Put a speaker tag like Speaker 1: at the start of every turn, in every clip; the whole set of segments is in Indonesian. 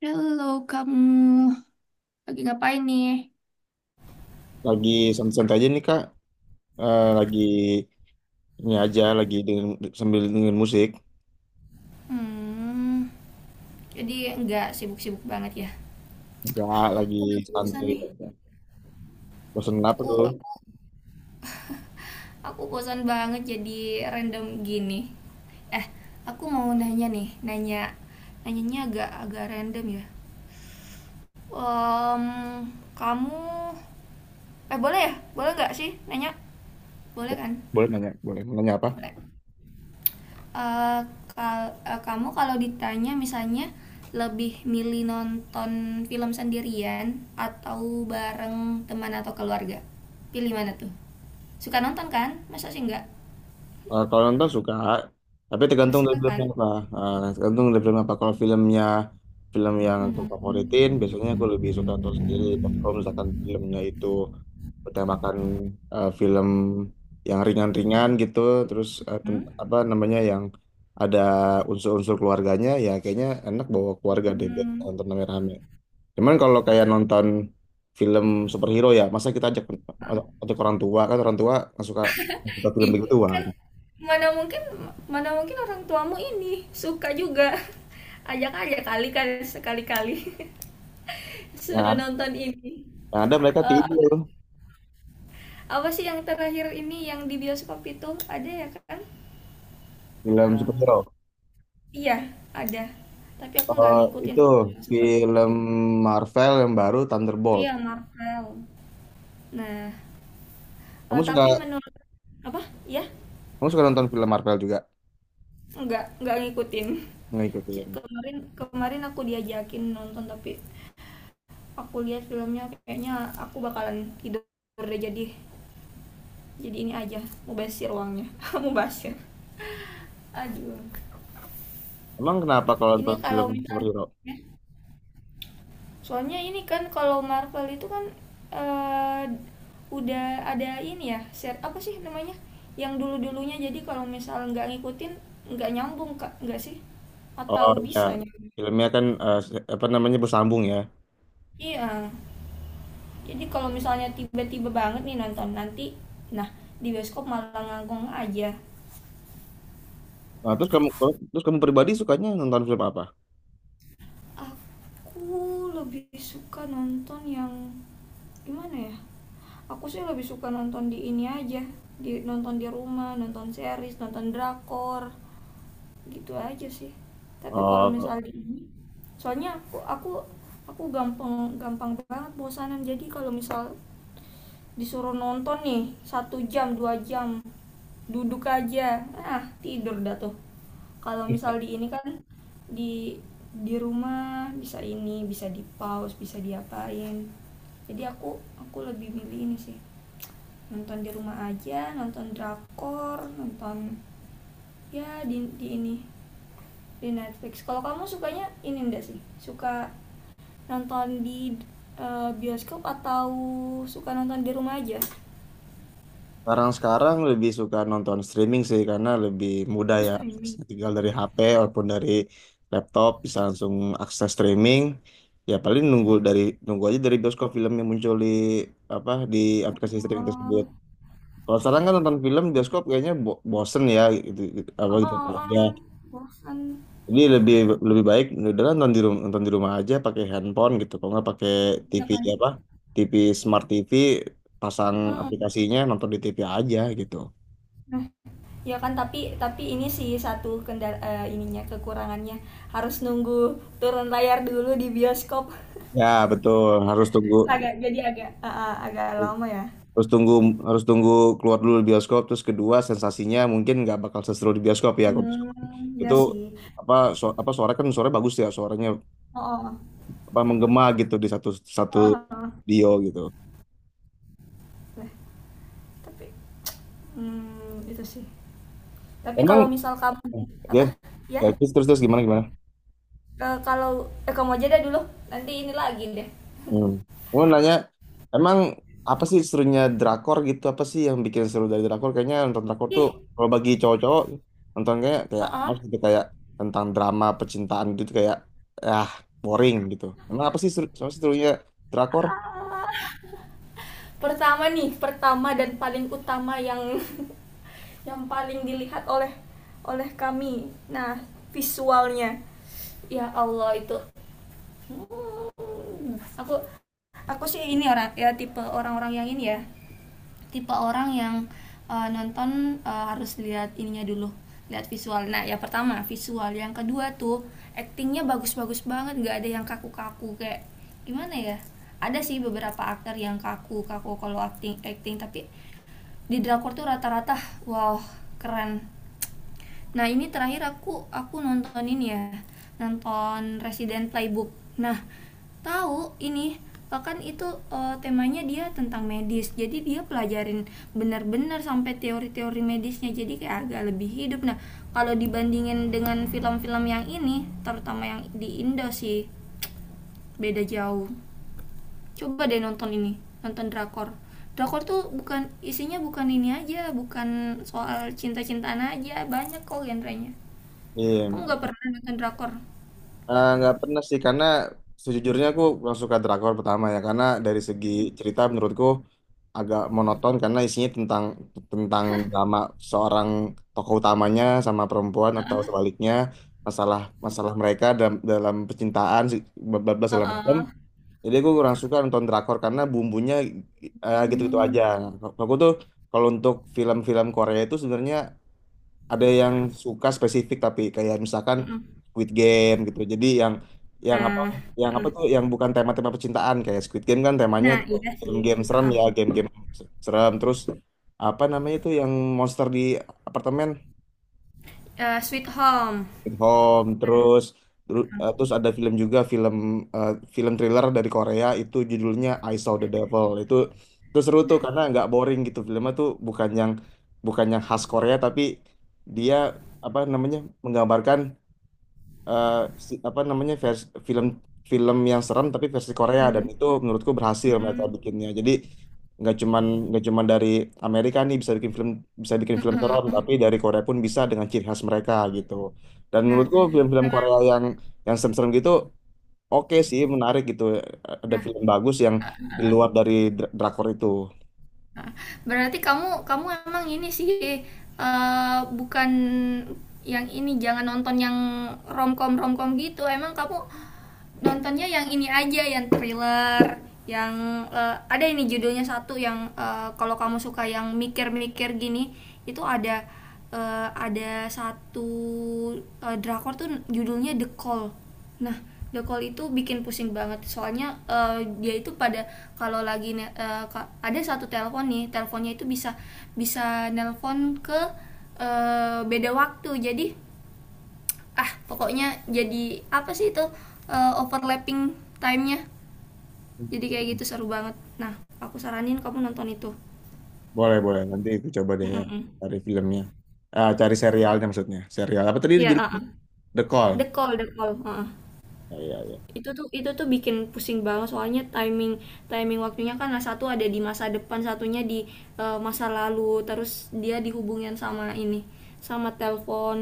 Speaker 1: Halo, kamu lagi ngapain nih?
Speaker 2: Lagi santai-santai aja nih Kak. Lagi ini aja, sambil dengerin musik.
Speaker 1: Hmm, jadi nggak sibuk-sibuk banget ya?
Speaker 2: Enggak, lagi
Speaker 1: Aku lagi bosan
Speaker 2: santai
Speaker 1: nih.
Speaker 2: aja. Bosan apa tuh?
Speaker 1: Aku aku bosan banget, jadi random gini. Eh, aku mau nanya nih, nanyanya agak agak random ya. Em, kamu boleh ya? Boleh nggak sih nanya? Boleh kan?
Speaker 2: Boleh nanya, boleh. Mau nanya apa?
Speaker 1: Boleh. Eh, kamu kalau ditanya misalnya lebih milih nonton film sendirian atau bareng teman atau keluarga, pilih mana tuh? Suka nonton kan? Masa sih enggak?
Speaker 2: Kalau nonton suka, tapi
Speaker 1: Nggak
Speaker 2: tergantung dari
Speaker 1: suka kan?
Speaker 2: film apa. Tergantung dari film apa. Kalau filmnya film yang aku favoritin,
Speaker 1: Hmm.
Speaker 2: biasanya aku lebih suka nonton sendiri. Tapi kalau misalkan filmnya itu utamakan film yang ringan-ringan gitu, terus
Speaker 1: Hmm?
Speaker 2: apa namanya, yang ada unsur-unsur keluarganya, ya kayaknya enak bawa keluarga deh biar
Speaker 1: Hmm.
Speaker 2: nonton rame-rame. Cuman kalau kayak nonton film superhero, ya masa kita ajak untuk orang tua? Kan orang tua nggak suka, nggak suka film
Speaker 1: Ih, kan
Speaker 2: begituan.
Speaker 1: mana mungkin mana mungkin orang tuamu ini suka juga. Ajak aja kali kan sekali-kali
Speaker 2: yang,
Speaker 1: suruh
Speaker 2: ad-
Speaker 1: nonton ini.
Speaker 2: yang ada mereka
Speaker 1: Eh,
Speaker 2: tidur.
Speaker 1: apa sih yang terakhir ini yang di bioskop itu ada ya kan?
Speaker 2: Film
Speaker 1: Eh,
Speaker 2: superhero.
Speaker 1: iya, ada tapi aku nggak
Speaker 2: Eh,
Speaker 1: ngikutin
Speaker 2: itu
Speaker 1: sih yang superhero itu.
Speaker 2: film Marvel yang baru, Thunderbolt.
Speaker 1: Iya, Marvel. Nah, eh,
Speaker 2: Kamu suka,
Speaker 1: tapi menurut apa ya,
Speaker 2: kamu suka nonton film Marvel juga?
Speaker 1: nggak ngikutin. C-
Speaker 2: Ngikutin.
Speaker 1: kemarin kemarin aku diajakin nonton, tapi aku lihat filmnya kayaknya aku bakalan tidur deh, jadi ini aja, mubasir uangnya mubasir, aduh.
Speaker 2: Emang kenapa kalau
Speaker 1: Ini
Speaker 2: nonton
Speaker 1: kalau
Speaker 2: film
Speaker 1: misalnya,
Speaker 2: superhero?
Speaker 1: soalnya ini kan kalau Marvel itu kan eh, udah ada ini ya, share apa sih namanya? Yang dulu-dulunya, jadi kalau misal nggak ngikutin nggak nyambung Kak, nggak sih?
Speaker 2: Oh
Speaker 1: Atau
Speaker 2: ya,
Speaker 1: bisa nyambung?
Speaker 2: filmnya kan apa namanya, bersambung ya.
Speaker 1: Iya. Jadi kalau misalnya tiba-tiba banget nih nonton nanti, nah, di bioskop malah ngangkong aja.
Speaker 2: Nah, terus kamu pribadi sukanya nonton film apa?
Speaker 1: Aku lebih suka nonton yang gimana ya? Aku sih lebih suka nonton di ini aja, di nonton di rumah, nonton series, nonton drakor. Gitu aja sih. Tapi kalau
Speaker 2: Oh,
Speaker 1: misalnya ini, soalnya aku gampang gampang banget bosanan, jadi kalau misal disuruh nonton nih 1 jam 2 jam duduk aja, ah tidur dah tuh. Kalau misal di ini kan, di di rumah bisa ini, bisa di pause, bisa diapain. Jadi aku lebih milih ini sih, nonton di rumah aja, nonton drakor, nonton ya di ini, di Netflix. Kalau kamu sukanya ini enggak sih? Suka nonton di bioskop atau suka nonton di rumah aja?
Speaker 2: sekarang-sekarang lebih suka nonton streaming sih karena lebih mudah
Speaker 1: Terus
Speaker 2: ya.
Speaker 1: streaming,
Speaker 2: Tinggal dari HP ataupun dari laptop bisa langsung akses streaming. Ya paling nunggu dari, nunggu aja dari bioskop film yang muncul di, apa, di aplikasi streaming tersebut.
Speaker 1: oh.
Speaker 2: Kalau sekarang kan nonton film bioskop kayaknya bosen ya, gitu, gitu- apa
Speaker 1: Oh,
Speaker 2: gitu.
Speaker 1: oh,
Speaker 2: Ya.
Speaker 1: oh. Bosan.
Speaker 2: Jadi lebih lebih baik udah nonton di rumah, nonton di rumah aja pakai handphone gitu. Kalau nggak pakai
Speaker 1: Iya
Speaker 2: TV
Speaker 1: kan.
Speaker 2: apa? TV, Smart TV, pasang
Speaker 1: Mm-mm.
Speaker 2: aplikasinya, nonton di TV aja gitu.
Speaker 1: Nah, ya kan, tapi ini sih satu kendala, ininya kekurangannya harus nunggu turun layar dulu di bioskop.
Speaker 2: Ya betul, harus tunggu
Speaker 1: Agak jadi agak, agak lama ya.
Speaker 2: harus tunggu harus tunggu keluar dulu di bioskop. Terus kedua, sensasinya mungkin nggak bakal seseru di bioskop ya. Kalau bioskop
Speaker 1: Hmm, ya
Speaker 2: itu
Speaker 1: sih.
Speaker 2: apa, apa, suara, kan suara bagus ya suaranya,
Speaker 1: Oh, oh.
Speaker 2: apa, menggema gitu di satu satu
Speaker 1: Oh, oh.
Speaker 2: video gitu.
Speaker 1: Nah, tapi itu sih. Tapi kalau
Speaker 2: Emang
Speaker 1: misal kamu,
Speaker 2: ya,
Speaker 1: apa? Ya,
Speaker 2: ya terus, terus gimana gimana?
Speaker 1: Ke- kalau kamu aja deh dulu. Nanti ini lagi deh.
Speaker 2: Hmm. Mau nanya, emang apa sih serunya drakor gitu? Apa sih yang bikin seru dari drakor? Kayaknya nonton drakor tuh
Speaker 1: Ih,
Speaker 2: kalau bagi cowok-cowok nonton, kayak kayak
Speaker 1: uh-uh.
Speaker 2: harus gitu, kayak tentang drama percintaan gitu, kayak ah boring gitu. Emang apa sih seru, apa sih serunya drakor?
Speaker 1: Ah. Pertama nih, pertama dan paling utama yang yang paling dilihat oleh oleh kami. Nah, visualnya. Ya Allah, itu. Hmm, aku aku sih ini orang ya, tipe orang-orang yang ini ya, tipe orang yang nonton, harus lihat ininya dulu, lihat visual. Nah, yang pertama visual, yang kedua tuh actingnya bagus-bagus banget, nggak ada yang kaku-kaku, kayak gimana ya, ada sih beberapa aktor yang kaku-kaku kalau acting acting tapi di drakor tuh rata-rata wow, keren. Nah, ini terakhir aku nonton ini ya, nonton Resident Playbook. Nah, tahu ini, bahkan itu temanya dia tentang medis, jadi dia pelajarin benar-benar sampai teori-teori medisnya, jadi kayak agak lebih hidup. Nah, kalau dibandingin dengan film-film yang ini terutama yang di Indo sih beda jauh. Coba deh nonton ini, nonton drakor. Drakor tuh bukan isinya, bukan ini aja, bukan soal cinta-cintaan aja, banyak kok genrenya.
Speaker 2: Iya.
Speaker 1: Kamu nggak pernah nonton drakor?
Speaker 2: Nggak pernah sih karena sejujurnya aku kurang suka drakor. Pertama ya karena dari segi
Speaker 1: Mm-mm.
Speaker 2: cerita menurutku agak monoton, karena isinya tentang, tentang drama seorang tokoh utamanya sama perempuan atau
Speaker 1: Heeh.
Speaker 2: sebaliknya, masalah, masalah mereka dalam, dalam percintaan, bablas segala macam.
Speaker 1: Heeh.
Speaker 2: Jadi aku kurang suka nonton drakor karena bumbunya gitu-gitu aja.
Speaker 1: Hmm.
Speaker 2: Aku tuh, kalau untuk film-film Korea itu sebenarnya ada yang suka spesifik, tapi kayak misalkan
Speaker 1: Mm-mm.
Speaker 2: Squid Game gitu. Jadi yang, yang apa
Speaker 1: Nah.
Speaker 2: yang apa
Speaker 1: Heeh.
Speaker 2: tuh, yang bukan tema-tema percintaan kayak Squid Game, kan temanya
Speaker 1: Nah,
Speaker 2: itu
Speaker 1: iya sih.
Speaker 2: game-game serem
Speaker 1: Heeh.
Speaker 2: ya, game-game serem. Terus apa namanya itu, yang monster di apartemen,
Speaker 1: Sweet Home.
Speaker 2: Sweet Home. Terus terus ada film juga, film eh, film thriller dari Korea itu judulnya I Saw the Devil. Itu seru tuh karena nggak boring gitu. Filmnya tuh bukan yang, bukan yang khas Korea, tapi dia, apa namanya, menggambarkan eh, apa namanya, film, film yang serem tapi versi Korea, dan
Speaker 1: Mm.
Speaker 2: itu menurutku berhasil mereka
Speaker 1: Mm.
Speaker 2: bikinnya. Jadi nggak cuman, nggak cuman dari Amerika nih bisa bikin film, bisa bikin film serem,
Speaker 1: Mm-mm.
Speaker 2: tapi dari Korea pun bisa, dengan ciri khas mereka gitu. Dan
Speaker 1: Nah,
Speaker 2: menurutku film-film
Speaker 1: nah,
Speaker 2: Korea yang serem-serem gitu oke sih, menarik gitu. Ada
Speaker 1: nah,
Speaker 2: film bagus yang di luar dari drakor itu.
Speaker 1: heeh. Berarti kamu kamu emang ini sih, bukan yang ini, jangan nonton yang romcom romcom gitu. Emang kamu nontonnya yang ini aja, yang thriller, yang ada ini judulnya satu yang, kalau kamu suka yang mikir-mikir gini, itu ada satu drakor tuh judulnya The Call. Nah, The Call itu bikin pusing banget, soalnya dia itu pada kalau lagi ada satu telepon nih, teleponnya itu bisa bisa nelpon ke beda waktu, jadi ah pokoknya, jadi apa sih itu, overlapping timenya, jadi kayak gitu seru banget. Nah, aku saranin kamu nonton itu.
Speaker 2: Boleh, boleh. Nanti aku coba deh ya
Speaker 1: Mm-mm.
Speaker 2: cari filmnya. Ah, cari serialnya maksudnya. Serial apa tadi
Speaker 1: Iya,
Speaker 2: judulnya?
Speaker 1: heeh.
Speaker 2: The Call.
Speaker 1: The Call, The Call. Heeh.
Speaker 2: Oh, iya, iya.
Speaker 1: Itu tuh bikin pusing banget, soalnya timing timing waktunya kan, nah, satu ada di masa depan, satunya di masa lalu, terus dia dihubungin sama ini, sama telepon.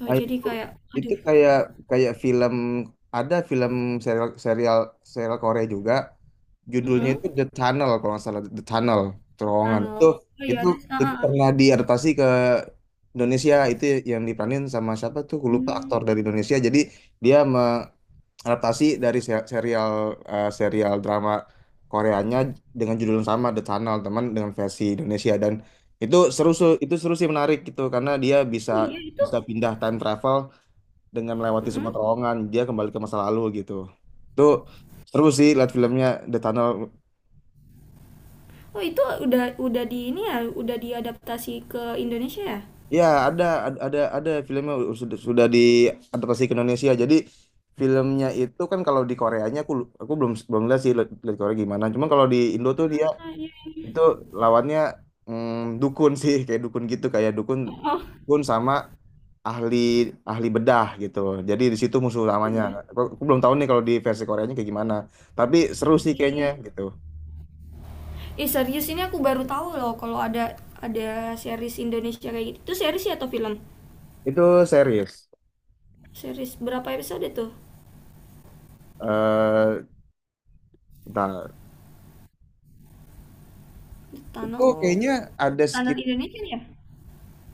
Speaker 1: Oh,
Speaker 2: Nah,
Speaker 1: jadi
Speaker 2: itu
Speaker 1: kayak,
Speaker 2: itu
Speaker 1: aduh.
Speaker 2: kayak, kayak film, ada film serial, serial serial Korea juga, judulnya
Speaker 1: Mm-mm.
Speaker 2: itu The Tunnel, kalau nggak salah, The Tunnel, terowongan.
Speaker 1: Anu,
Speaker 2: Itu,
Speaker 1: oh iya
Speaker 2: itu
Speaker 1: ada. Ah,
Speaker 2: itu
Speaker 1: ah, ah.
Speaker 2: pernah diadaptasi ke Indonesia. Itu yang diperanin sama siapa tuh, gue lupa,
Speaker 1: Hmm.
Speaker 2: aktor dari Indonesia. Jadi dia mengadaptasi dari serial, serial drama Koreanya dengan judul yang sama, The Tunnel, teman dengan versi Indonesia. Dan itu seru, itu seru sih, menarik gitu, karena dia bisa,
Speaker 1: Oh iya itu.
Speaker 2: bisa pindah time travel dengan melewati semua
Speaker 1: Mm-mm.
Speaker 2: terowongan, dia kembali ke masa lalu gitu. Itu seru sih lihat filmnya, The Tunnel.
Speaker 1: Oh itu udah di ini ya, udah diadaptasi ke Indonesia ya?
Speaker 2: Ya ada, filmnya, sudah diadaptasi ke Indonesia. Jadi filmnya itu kan, kalau di Koreanya aku belum, belum lihat sih, lihat, lihat Korea gimana. Cuman kalau di Indo tuh dia
Speaker 1: Ah, iya.
Speaker 2: itu lawannya, mm, dukun sih, kayak dukun gitu, kayak dukun,
Speaker 1: Oh,
Speaker 2: dukun sama ahli, ahli bedah gitu, jadi di situ musuh utamanya.
Speaker 1: iya.
Speaker 2: Aku belum tahu nih kalau di versi Koreanya kayak gimana, tapi seru sih kayaknya
Speaker 1: Iya.
Speaker 2: gitu.
Speaker 1: Serius ini aku baru tahu loh kalau ada series Indonesia kayak gitu. Itu series ya atau film?
Speaker 2: Itu series.
Speaker 1: Series berapa episode tuh?
Speaker 2: Eh, bentar.
Speaker 1: The
Speaker 2: Itu
Speaker 1: Tunnel.
Speaker 2: kayaknya ada
Speaker 1: The Tunnel Indonesia ya?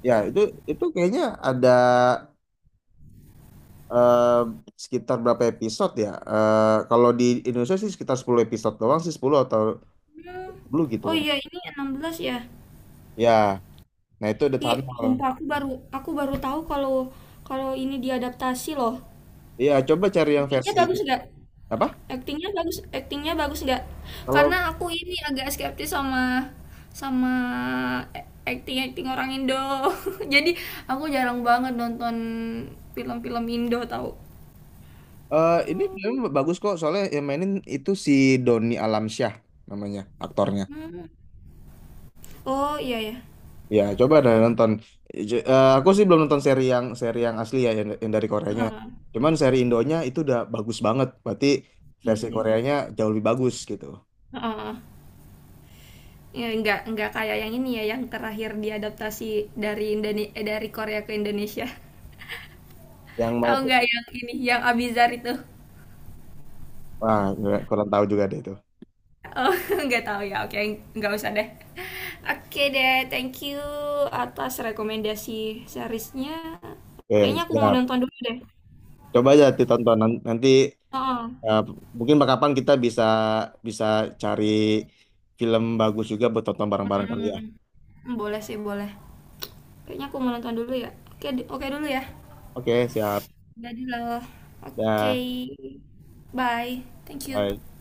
Speaker 2: ya, itu kayaknya ada eh, sekitar berapa episode ya? Eh, kalau di Indonesia sih sekitar 10 episode doang sih, 10 atau
Speaker 1: Hmm.
Speaker 2: 10 gitu.
Speaker 1: Oh iya, ini 16 ya.
Speaker 2: Ya, nah itu The
Speaker 1: Iya,
Speaker 2: Tunnel.
Speaker 1: sumpah aku baru tahu kalau kalau ini diadaptasi loh.
Speaker 2: Iya, coba cari yang
Speaker 1: Ratingnya
Speaker 2: versi
Speaker 1: bagus nggak?
Speaker 2: apa?
Speaker 1: Aktingnya bagus nggak?
Speaker 2: Kalau
Speaker 1: Karena aku ini agak skeptis sama sama akting-akting orang Indo. Jadi aku jarang banget nonton film-film Indo, tahu.
Speaker 2: ini film bagus kok, soalnya yang mainin itu si Doni Alamsyah namanya aktornya.
Speaker 1: Hmm. Oh iya ya.
Speaker 2: Ya, coba deh nonton. Aku sih belum nonton seri yang, seri yang asli ya, yang dari Koreanya.
Speaker 1: Heeh,
Speaker 2: Cuman seri Indonya itu udah bagus banget. Berarti
Speaker 1: iya
Speaker 2: versi
Speaker 1: sih.
Speaker 2: Koreanya jauh lebih bagus gitu.
Speaker 1: Heeh. Ya, nggak kayak yang ini ya, yang terakhir diadaptasi dari Korea ke Indonesia.
Speaker 2: Yang mana
Speaker 1: Tahu
Speaker 2: tuh?
Speaker 1: nggak yang ini yang Abizar itu?
Speaker 2: Wah, nggak- kurang tahu juga deh itu.
Speaker 1: Oh, nggak tahu ya. Oke, nggak usah deh. Oke deh, thank you atas rekomendasi seriesnya.
Speaker 2: Oke,
Speaker 1: Kayaknya aku mau
Speaker 2: siap.
Speaker 1: nonton dulu deh.
Speaker 2: Coba aja ditonton nanti.
Speaker 1: Oh,
Speaker 2: eh, Mungkin kapan kita bisa, bisa cari film bagus juga buat tonton bareng-bareng kali ya.
Speaker 1: boleh sih, boleh. Kayaknya aku mau nonton dulu ya. Oke, oke dulu ya.
Speaker 2: Oke, siap.
Speaker 1: Jadi loh. Oke.
Speaker 2: Dah,
Speaker 1: Bye. Thank you.
Speaker 2: bye.